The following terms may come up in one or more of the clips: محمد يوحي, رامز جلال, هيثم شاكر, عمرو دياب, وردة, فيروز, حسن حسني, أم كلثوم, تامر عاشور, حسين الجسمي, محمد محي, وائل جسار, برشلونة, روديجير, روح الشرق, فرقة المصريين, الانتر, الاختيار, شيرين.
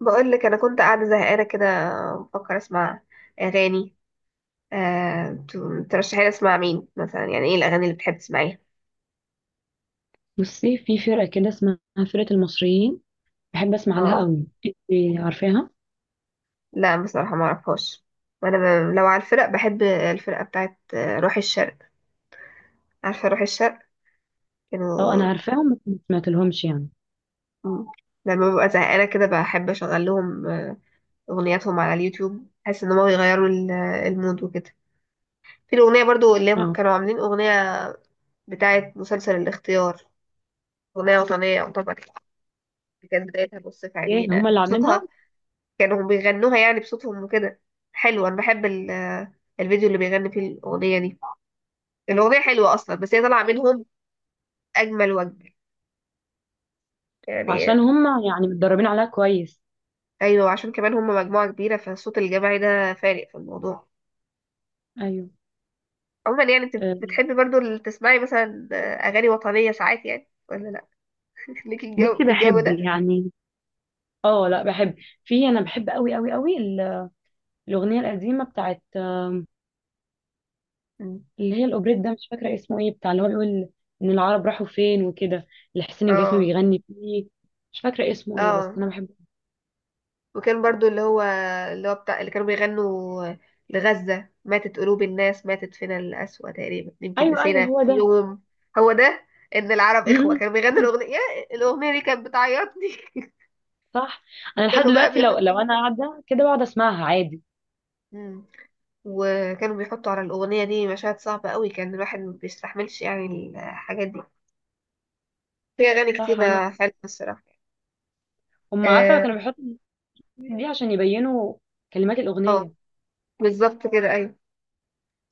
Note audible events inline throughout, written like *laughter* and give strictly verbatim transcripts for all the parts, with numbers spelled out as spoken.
بقول لك انا كنت قاعده زهقانه كده، بفكر اسمع اغاني. آه، ت- ترشحي لي اسمع مين مثلا، يعني ايه الاغاني اللي بتحب تسمعيها؟ بصي، في فرقة كده اسمها فرقة المصريين، بحب اسمع لها اه. قوي. انت عارفاها؟ لا بصراحه ما اعرفهاش. وانا ب... لو على الفرق بحب الفرقه بتاعت آه، روح الشرق. عارفه روح الشرق؟ اه كانوا. انا عارفاهم بس ما سمعت لهمش يعني. م- لما ببقى زهقانه كده بحب اشغل لهم آه، اغنياتهم على اليوتيوب. بحس ان هم يغيروا ال- المود وكده. في الاغنيه برضو اللي هم اه، كانوا عاملين اغنيه بتاعت مسلسل الاختيار، اغنيه وطنيه يعتبر. دي كانت بدايتها بص في ايه عينينا هما اللي عاملينها؟ صوتها، كانوا بيغنوها يعني بصوتهم وكده. حلو، انا بحب ال- الفيديو اللي بيغني فيه الاغنيه دي. الاغنيه حلوه اصلا، بس هي طالعه منهم اجمل واجمل عشان يعني. هما يعني متدربين عليها كويس. ايوه، عشان كمان هم مجموعه كبيره، فالصوت الجماعي ده فارق في الموضوع. ايوه. عموما يعني، انت آه، بتحبي برضو ال- تسمعي مثلا اغاني وطنيه ساعات يعني ولا لا؟ *laughs* ليكي الجو بصي في الجو بحب ده. يعني. اه لا بحب. في انا بحب قوي قوي قوي ال- الاغنية القديمة بتاعت آم، مم. اللي هي الاوبريت ده، مش فاكرة اسمه ايه، بتاع اللي هو بيقول ان العرب راحوا فين وكده، اللي حسين الجسمي اه. بيغني فيه. مش فاكرة اسمه ايه بس اه، انا بحبه. وكان برضو اللي هو اللي هو بتاع اللي كانوا بيغنوا لغزة ماتت قلوب الناس ماتت فينا القسوة، تقريبا يمكن ايوه ايوه، نسينا هو في ده. يوم. هو ده، ان العرب اخوة كانوا بيغنوا *laughs* الاغنية. الاغنية دي كانت بتعيطني. صح. انا *laughs* لحد كانوا بقى دلوقتي لو بيحطوا. لو انا قاعده كده بقعد اسمعها عادي. مم. وكانوا بيحطوا على الاغنية دي مشاهد صعبة قوي، كان الواحد ما بيستحملش يعني الحاجات دي. في اغاني صح عندك. كتيرة حلوة الصراحة. هم عارفه اه. كانوا بيحطوا الموسيقى دي عشان يبينوا كلمات آه، الاغنيه. بالظبط كده ايوه.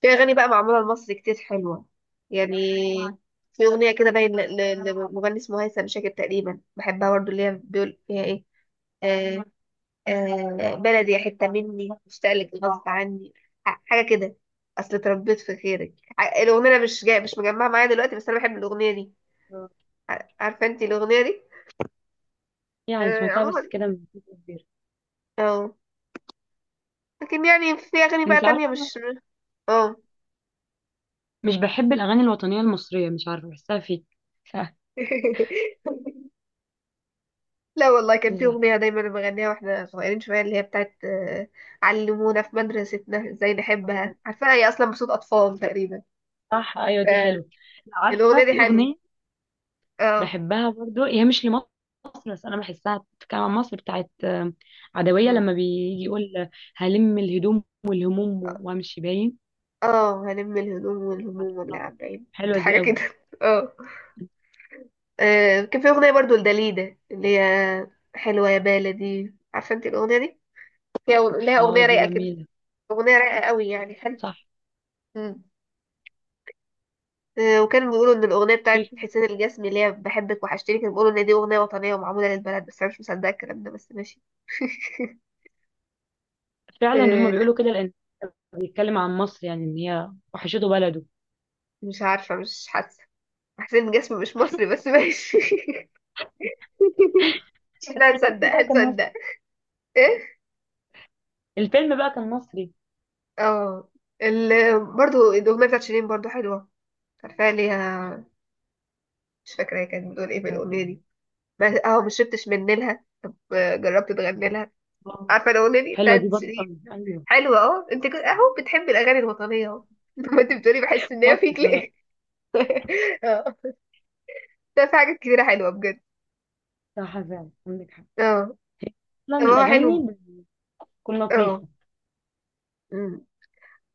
في أغاني بقى معمولة لمصر كتير حلوة يعني. في أغنية كده باين ل- ل- لمغني اسمه هيثم شاكر تقريبا بحبها برضه، اللي هي بيقول فيها إيه. آه. آه، بلدي يا حتة مني مشتاقلك غصب عني، ح- حاجة كده. أصل اتربيت في خيرك ع- الأغنية، أنا مش جاي، مش مجمعة معايا دلوقتي، بس أنا بحب الأغنية دي. ع- عارفة أنت الأغنية دي؟ يعني آه، سمعتها بس عموما. كده من فترة كبيره. اه. لكن يعني في أغاني بقى انت عارفه تانية انا مش. اه. مش بحب الاغاني الوطنيه المصريه، مش عارفه بحسها فيك. صح. *laughs* لا والله، كان مش في أغنية دايما بغنيها واحنا صغيرين شوية، اللي هي بتاعت آه، علمونا في مدرستنا ازاي عارفة. نحبها. عارفة هي أصلا بصوت أطفال تقريبا. صح ايوه دي حلوه. فالأغنية عارفه دي في حلوة. اغنيه اه. بحبها برضو، هي مش لمصر بس انا بحسها بتتكلم عن مصر، بتاعت آم، عدويه، أمم. لما بيجي يقول هلم الهدوم والهموم وامشي باين. اه، هنم الهدوم والهموم واللي عاملين حلوه دي حاجة قوي. كده. *laughs* اه. آه، كان في أغنية برضو لداليدا، اللي هي حلوة يا بلدي. عارفة انت الأغنية دي؟ فيها- لها اه أغنية دي رايقة كده، جميلة. أغنية رايقة قوي يعني حلوة. صح. أمم. آه، وكانوا بيقولوا ان الاغنيه في بتاعت حسين الجسمي اللي هي بحبك وحشتني، كانوا بيقولوا ان دي اغنيه وطنيه ومعموله للبلد، بس انا مش مصدقه الكلام ده بس ماشي. *laughs* فعلا هما آه، بيقولوا كده، لأن بيتكلم عن مصر يعني إن هي وحشته بلده. مش عارفه، مش حاسه. حسين الجسمي مش مصري بس ماشي. *laughs* بس احنا الفيلم هنصدق بقى كان مصري. هنصدق. ايه. الفيلم بقى كان مصري اه. ال... برضو الاغنيه بتاعت شيرين برضو حلوه. مش عارفه ليها. مش فاكره هي كانت بتقول ايه في الاغنيه دي، بس اه ما شربتش من نيلها طب آه، جربت تغني لها. آه، عارفه الاغنيه دي حلوة دي بتاعت برضه شيرين. أوي. أيوه. حلوة اه، انت كنت اهو بتحبي الاغاني الوطنية اهو. *laughs* ما انت بتقولي بحس ان هي مصري فيك كمان. ليه. *laughs* اه. ده في حاجات كتيرة حلوة بجد. صح فعلا عندك حق. اه. أصلا ما هو الأغاني حلو. بتكون اه. لطيفة. أمم.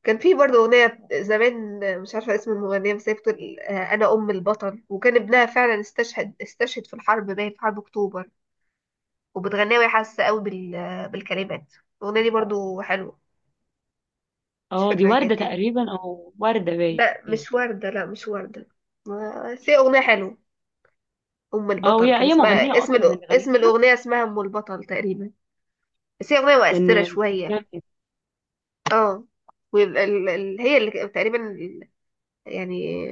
كان في برضه أغنية زمان، مش عارفة اسم المغنية، بس هي بتقول آه، أنا أم البطل، وكان ابنها فعلا استشهد استشهد في الحرب باين في حرب أكتوبر. وبتغنيها وهي حاسة قوي بال... بالكلمات. الأغنية دي برضه حلوة. مش اه دي فاكرة هي كانت وردة ايه. تقريبا، أو وردة باين. لا مش وردة، لا مش وردة. ما- بس هي أغنية حلوة. ام اه البطل هي كان أي اسمها، مغنية اسم أصلا الأ- اللي اسم غنتها؟ الاغنيه، اسمها ام البطل تقريبا. بس هي اغنيه مؤثره لأن شويه. اه. وهي اللي ك- تقريبا ال- يعني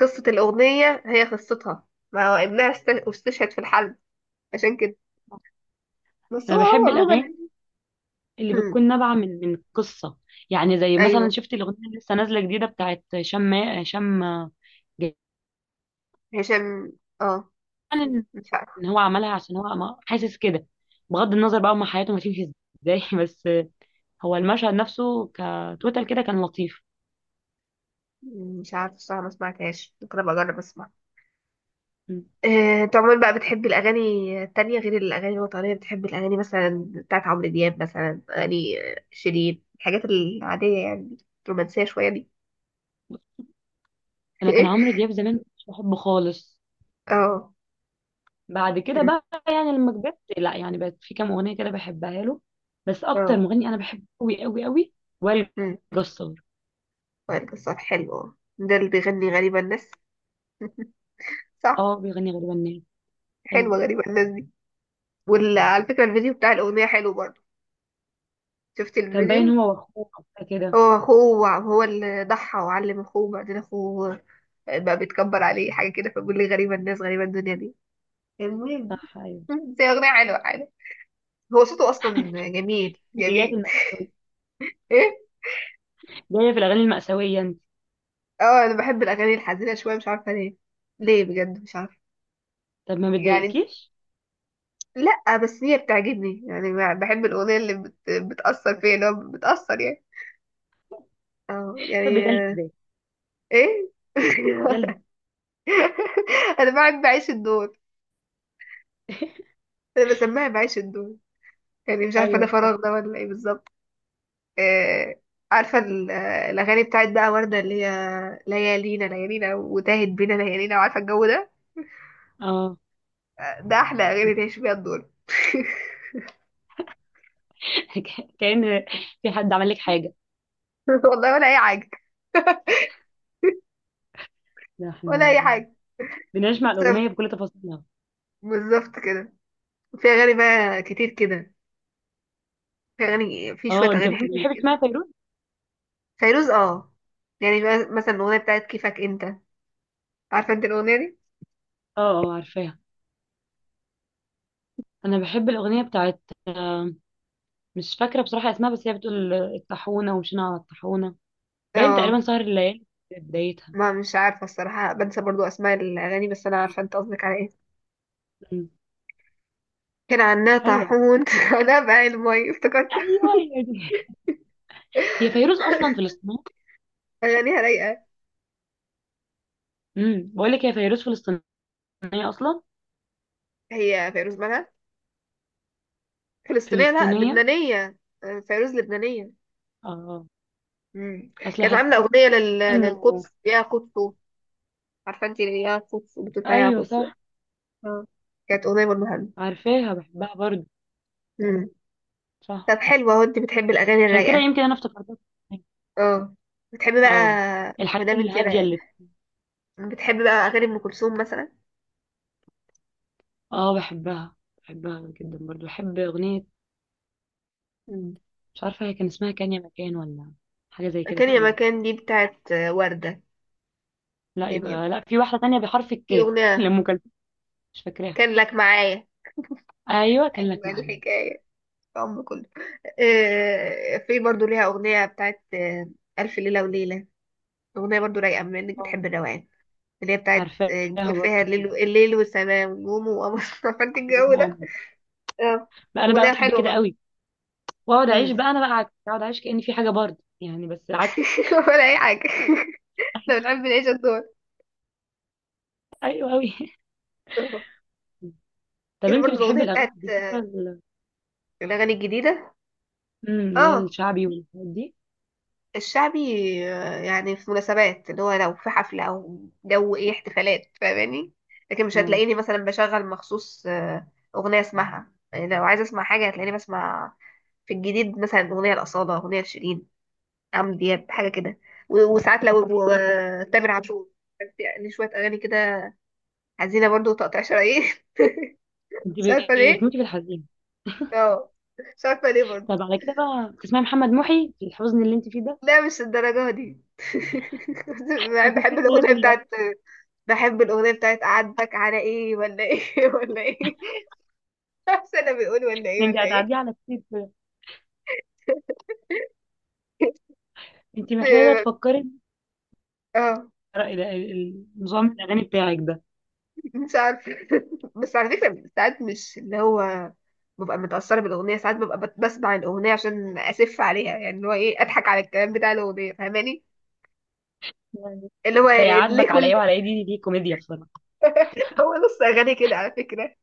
قصه الاغنيه هي قصتها، ما هو ابنها است- استشهد في الحرب عشان كده. بس أنا هو هو بحب عموما. الأغاني اللي امم. بتكون نابعة من من قصة. يعني زي مثلا ايوه. شفت الأغنية اللي لسه نازلة جديدة بتاعت شم، شم، جاي- هشام. اه. يعني مش عارف إن هو عملها عشان هو ما- حاسس كده. بغض النظر بقى هما حياتهم هتمشي ازاي *laughs* بس هو المشهد نفسه كتوتال كده كان لطيف. مش عارف الصراحه، ما سمعتهاش. ممكن ابقى اجرب اسمع. آه، انت عموما بقى بتحبي الأغاني التانية غير الأغاني الوطنية؟ بتحبي الأغاني مثلا بتاعت عمرو دياب مثلا، أغاني آه، شيرين، الحاجات العادية يعني، الرومانسية شوية دي. أنا كان عمرو *laughs* دياب زمان مش بحبه خالص. اه. بعد كده مم. بقى يعني لما كبرت، لا يعني بقت في كام أغنية كده بحبها له. بس أكتر اه. مغني أنا بحبه أوي أوي أوي وائل مم. جسار. وائل جسار حلو، ده اللي بيغني غريبة الناس. *laughs* اه صح. بيغني غريبة الناس. حلوة غريبة الناس دي. وعلى فكرة الفيديو بتاع الأغنية حلو برضه. شفتي كان باين الفيديو؟ هو واخوه أو حاجة كده. هو أخوه، هو اللي ضحى وعلم أخوه، بعدين أخوه بقى بيتكبر عليه حاجة كده، فبيقول لي غريبة الناس غريبة الدنيا دي. المهم. صح ايوه. *laughs* بس هي أغنية حلوة عادي. هو صوته أصلا جميل دي جايه في جميل. المأساوية، *laughs* إيه. جايه في الاغاني المأساوية انت. اه، أنا بحب الأغاني الحزينة شوية، مش عارفة ليه. ليه بجد مش عارفة طب ما يعني. بتضايقكيش؟ لأ بس هي بتعجبني يعني، ما- بحب الأغنية اللي بت... بتأثر فيا، اللي هو بتأثر يعني. اه تحبي يعني. جلد آه، ازاي؟ إيه. *laughs* جلد. أنا بعد بعيش الدور. أنا بسميها بعيش الدور يعني، مش عارفة ده ايوه صح. فراغ ده ولا إيه بالظبط. آه، عارفة ال- آه، الأغاني بتاعت بقى وردة اللي هي ليالينا ليالينا وتاهت بينا ليالينا، وعارفة الجو ده. اه ده احلى اغاني تعيش بيها الدور. *laughs* كأن في حد عمل لك حاجة. *laughs* والله ولا اي حاجه. ده ولا احنا اي حاجه. بنسمع الأغنية بسبب- بكل تفاصيلها. بالظبط كده. في اغاني بقى كتير كده. في اغاني، في شويه اه، انت اغاني ممكن حلوين بتحبي كده. تسمعي فيروز؟ فيروز اه. يعني بقى مثلا الاغنيه بتاعت كيفك انت، عارفه انت الاغنيه دي. اه. اه عارفاها. انا بحب الأغنية بتاعت آه، مش فاكرة بصراحة اسمها، بس هي بتقول آه، الطاحونة، ومشينا على الطاحونة باين، تقريبا اه. سهر الليالي في بدايتها. ما مش عارفه الصراحه، بنسى برضو اسماء الاغاني، بس انا عارفه انت قصدك على ايه. مم. كان عنا حلوة. طاحون. *laughs* انا بقى المي افتكرت. ايوه هي دي. هي فيروز اصلا *laughs* فلسطينية. اغانيها رايقه. امم بقول لك هي فيروز فلسطينية اصلا. هي فيروز مالها فلسطينيه؟ لا، فلسطينية. لبنانيه. آه، فيروز لبنانيه. اه مم. اصل كانت حاسة عاملة أغنية لل... انه. للقدس، يا قدس. عارفة انت يا قدس؟ بتقول فيها يا ايوه قدس. صح. اه. كانت أغنية برضه حلوة. عارفاها بحبها برضه. مم. صح. طب حلوة، وانت بتحبي الأغاني عشان كده الرايقة. يمكن انا افتكرتها. اه. بتحبي بقى، اه. الحاجات مادام انت الهادية اللي رايقة، بتحبي بقى أغاني أم كلثوم مثلا. اه بحبها. بحبها جدا برضه. بحب اغنية مم. مش عارفة هي كان اسمها كان يا مكان، ولا حاجة زي كده كان يا تقريبا. مكان دي بتاعت آه، وردة. لا، كان يا يبقى مكان. لا، في واحدة تانية بحرف في الكاف *laughs* أغنية لأم كلثوم. مش فاكراها. كان لك معايا، ايوه كان لك أجمل معايا. الحكاية. في أم كله. آه، في برضه ليها أغنية بتاعت آه، ألف ليلة وليلة. أغنية برضه رايقة بما إنك اه بتحبي الروقان، اللي هي بتاعت عارفاها آه، بتقول فيها برضه. الليل و- الليل والسماء والنجوم وقمر. *laughs* فانت الجو نجوم ده. وقمر. اه. بقى انا بقى اغنيه بحب حلوه كده برضه. قوي، واقعد مم. اعيش بقى. انا بقى عكس، اقعد اعيش كأني في حاجه برضه يعني، بس عكس. *laughs* ولا اي حاجه. *laughs* احنا بنحب نعيش الدور. ايوه قوي *laughs* آه. طب كان انت برضه الاغنيه بتحبي بتاعت الاغاني الجديده آه، ال- الاغاني الجديده. امم اللي هي اه. الشعبي والحاجات دي؟ الشعبي. آه، يعني في مناسبات، اللي هو لو في حفله او جو ايه احتفالات فاهماني. لكن مش اه هتلاقيني مثلا بشغل مخصوص آه، اغنيه اسمعها يعني، لو عايزه اسمع حاجه هتلاقيني بسمع في الجديد مثلا أغنية الأصالة، أغنية لشيرين، عمرو دياب حاجه كده. و- وساعات لو و- تامر عاشور. بس يعني شويه اغاني كده حزينه برضو وتقطيع شرايين. *laughs* انت مش عارفه ليه. بتموتي في الحزين. اه. مش عارفه ليه برضو. طب على كده بقى تسمعي محمد محي في الحزن اللي انت فيه ده. لا مش الدرجه دي. *laughs* بحب ما بحب وصلتيش الاغنيه الليفل ده. بتاعت، بحب الاغنيه بتاعت اعاتبك على ايه ولا ايه. *laughs* ولا ايه، مش انا بيقول ولا ايه انت ولا ايه. هتعديه على كتير كده. انت محتاجه بس-. تفكري اه. آه. في رأي- ال- ال- نظام الاغاني بتاعك ده مش عارفة. *laughs* بس على فكرة ساعات مش اللي هو ببقى متأثرة بالأغنية، ساعات ببقى بت- بسمع الأغنية عشان أسف عليها، يعني اللي هو إيه، أضحك على الكلام بتاع الأغنية فاهماني. يعني. اللي هو ده ليه يعاتبك على كل. ايه وعلى ايه، دي دي كوميديا بصراحه. *laughs* هو نص أغاني كده على فكرة.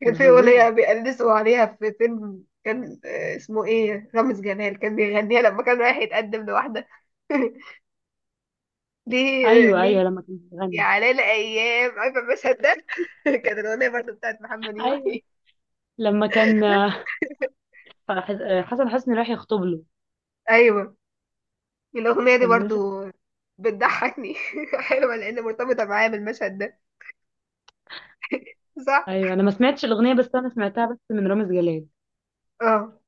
كان ده في فظيع. أغنية بيقلدوا عليها في فيلم كان آه، اسمه إيه، رامز جلال كان بيغنيها لما كان رايح يتقدم لواحدة. *laughs* ليه ايوه ليه. ايوه لما كان يا بيغني. على الأيام، عارفة المشهد ده. *laughs* كانت الأغنية برضه بتاعت محمد ايوه يوحي. لما كان آه، *laughs* حسن حسني راح يخطب له. أيوه. الأغنية دي كان نجم. برضو بتضحكني. *laughs* حلوة لأن مرتبطة معايا بالمشهد ده، صح؟ ايوه انا ما سمعتش الاغنيه، بس انا سمعتها بس من رامز جلال. اه،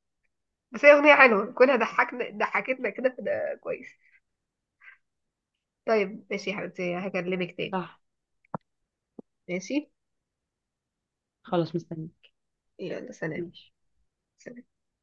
بس هي أغنية حلوة كونها ضحكنا ضحكتنا كده، فده كويس. طيب ماشي يا حبيبتي، هكلمك تاني. صح. ماشي. خلاص مستني. يلا سلام. ماشي. سلام.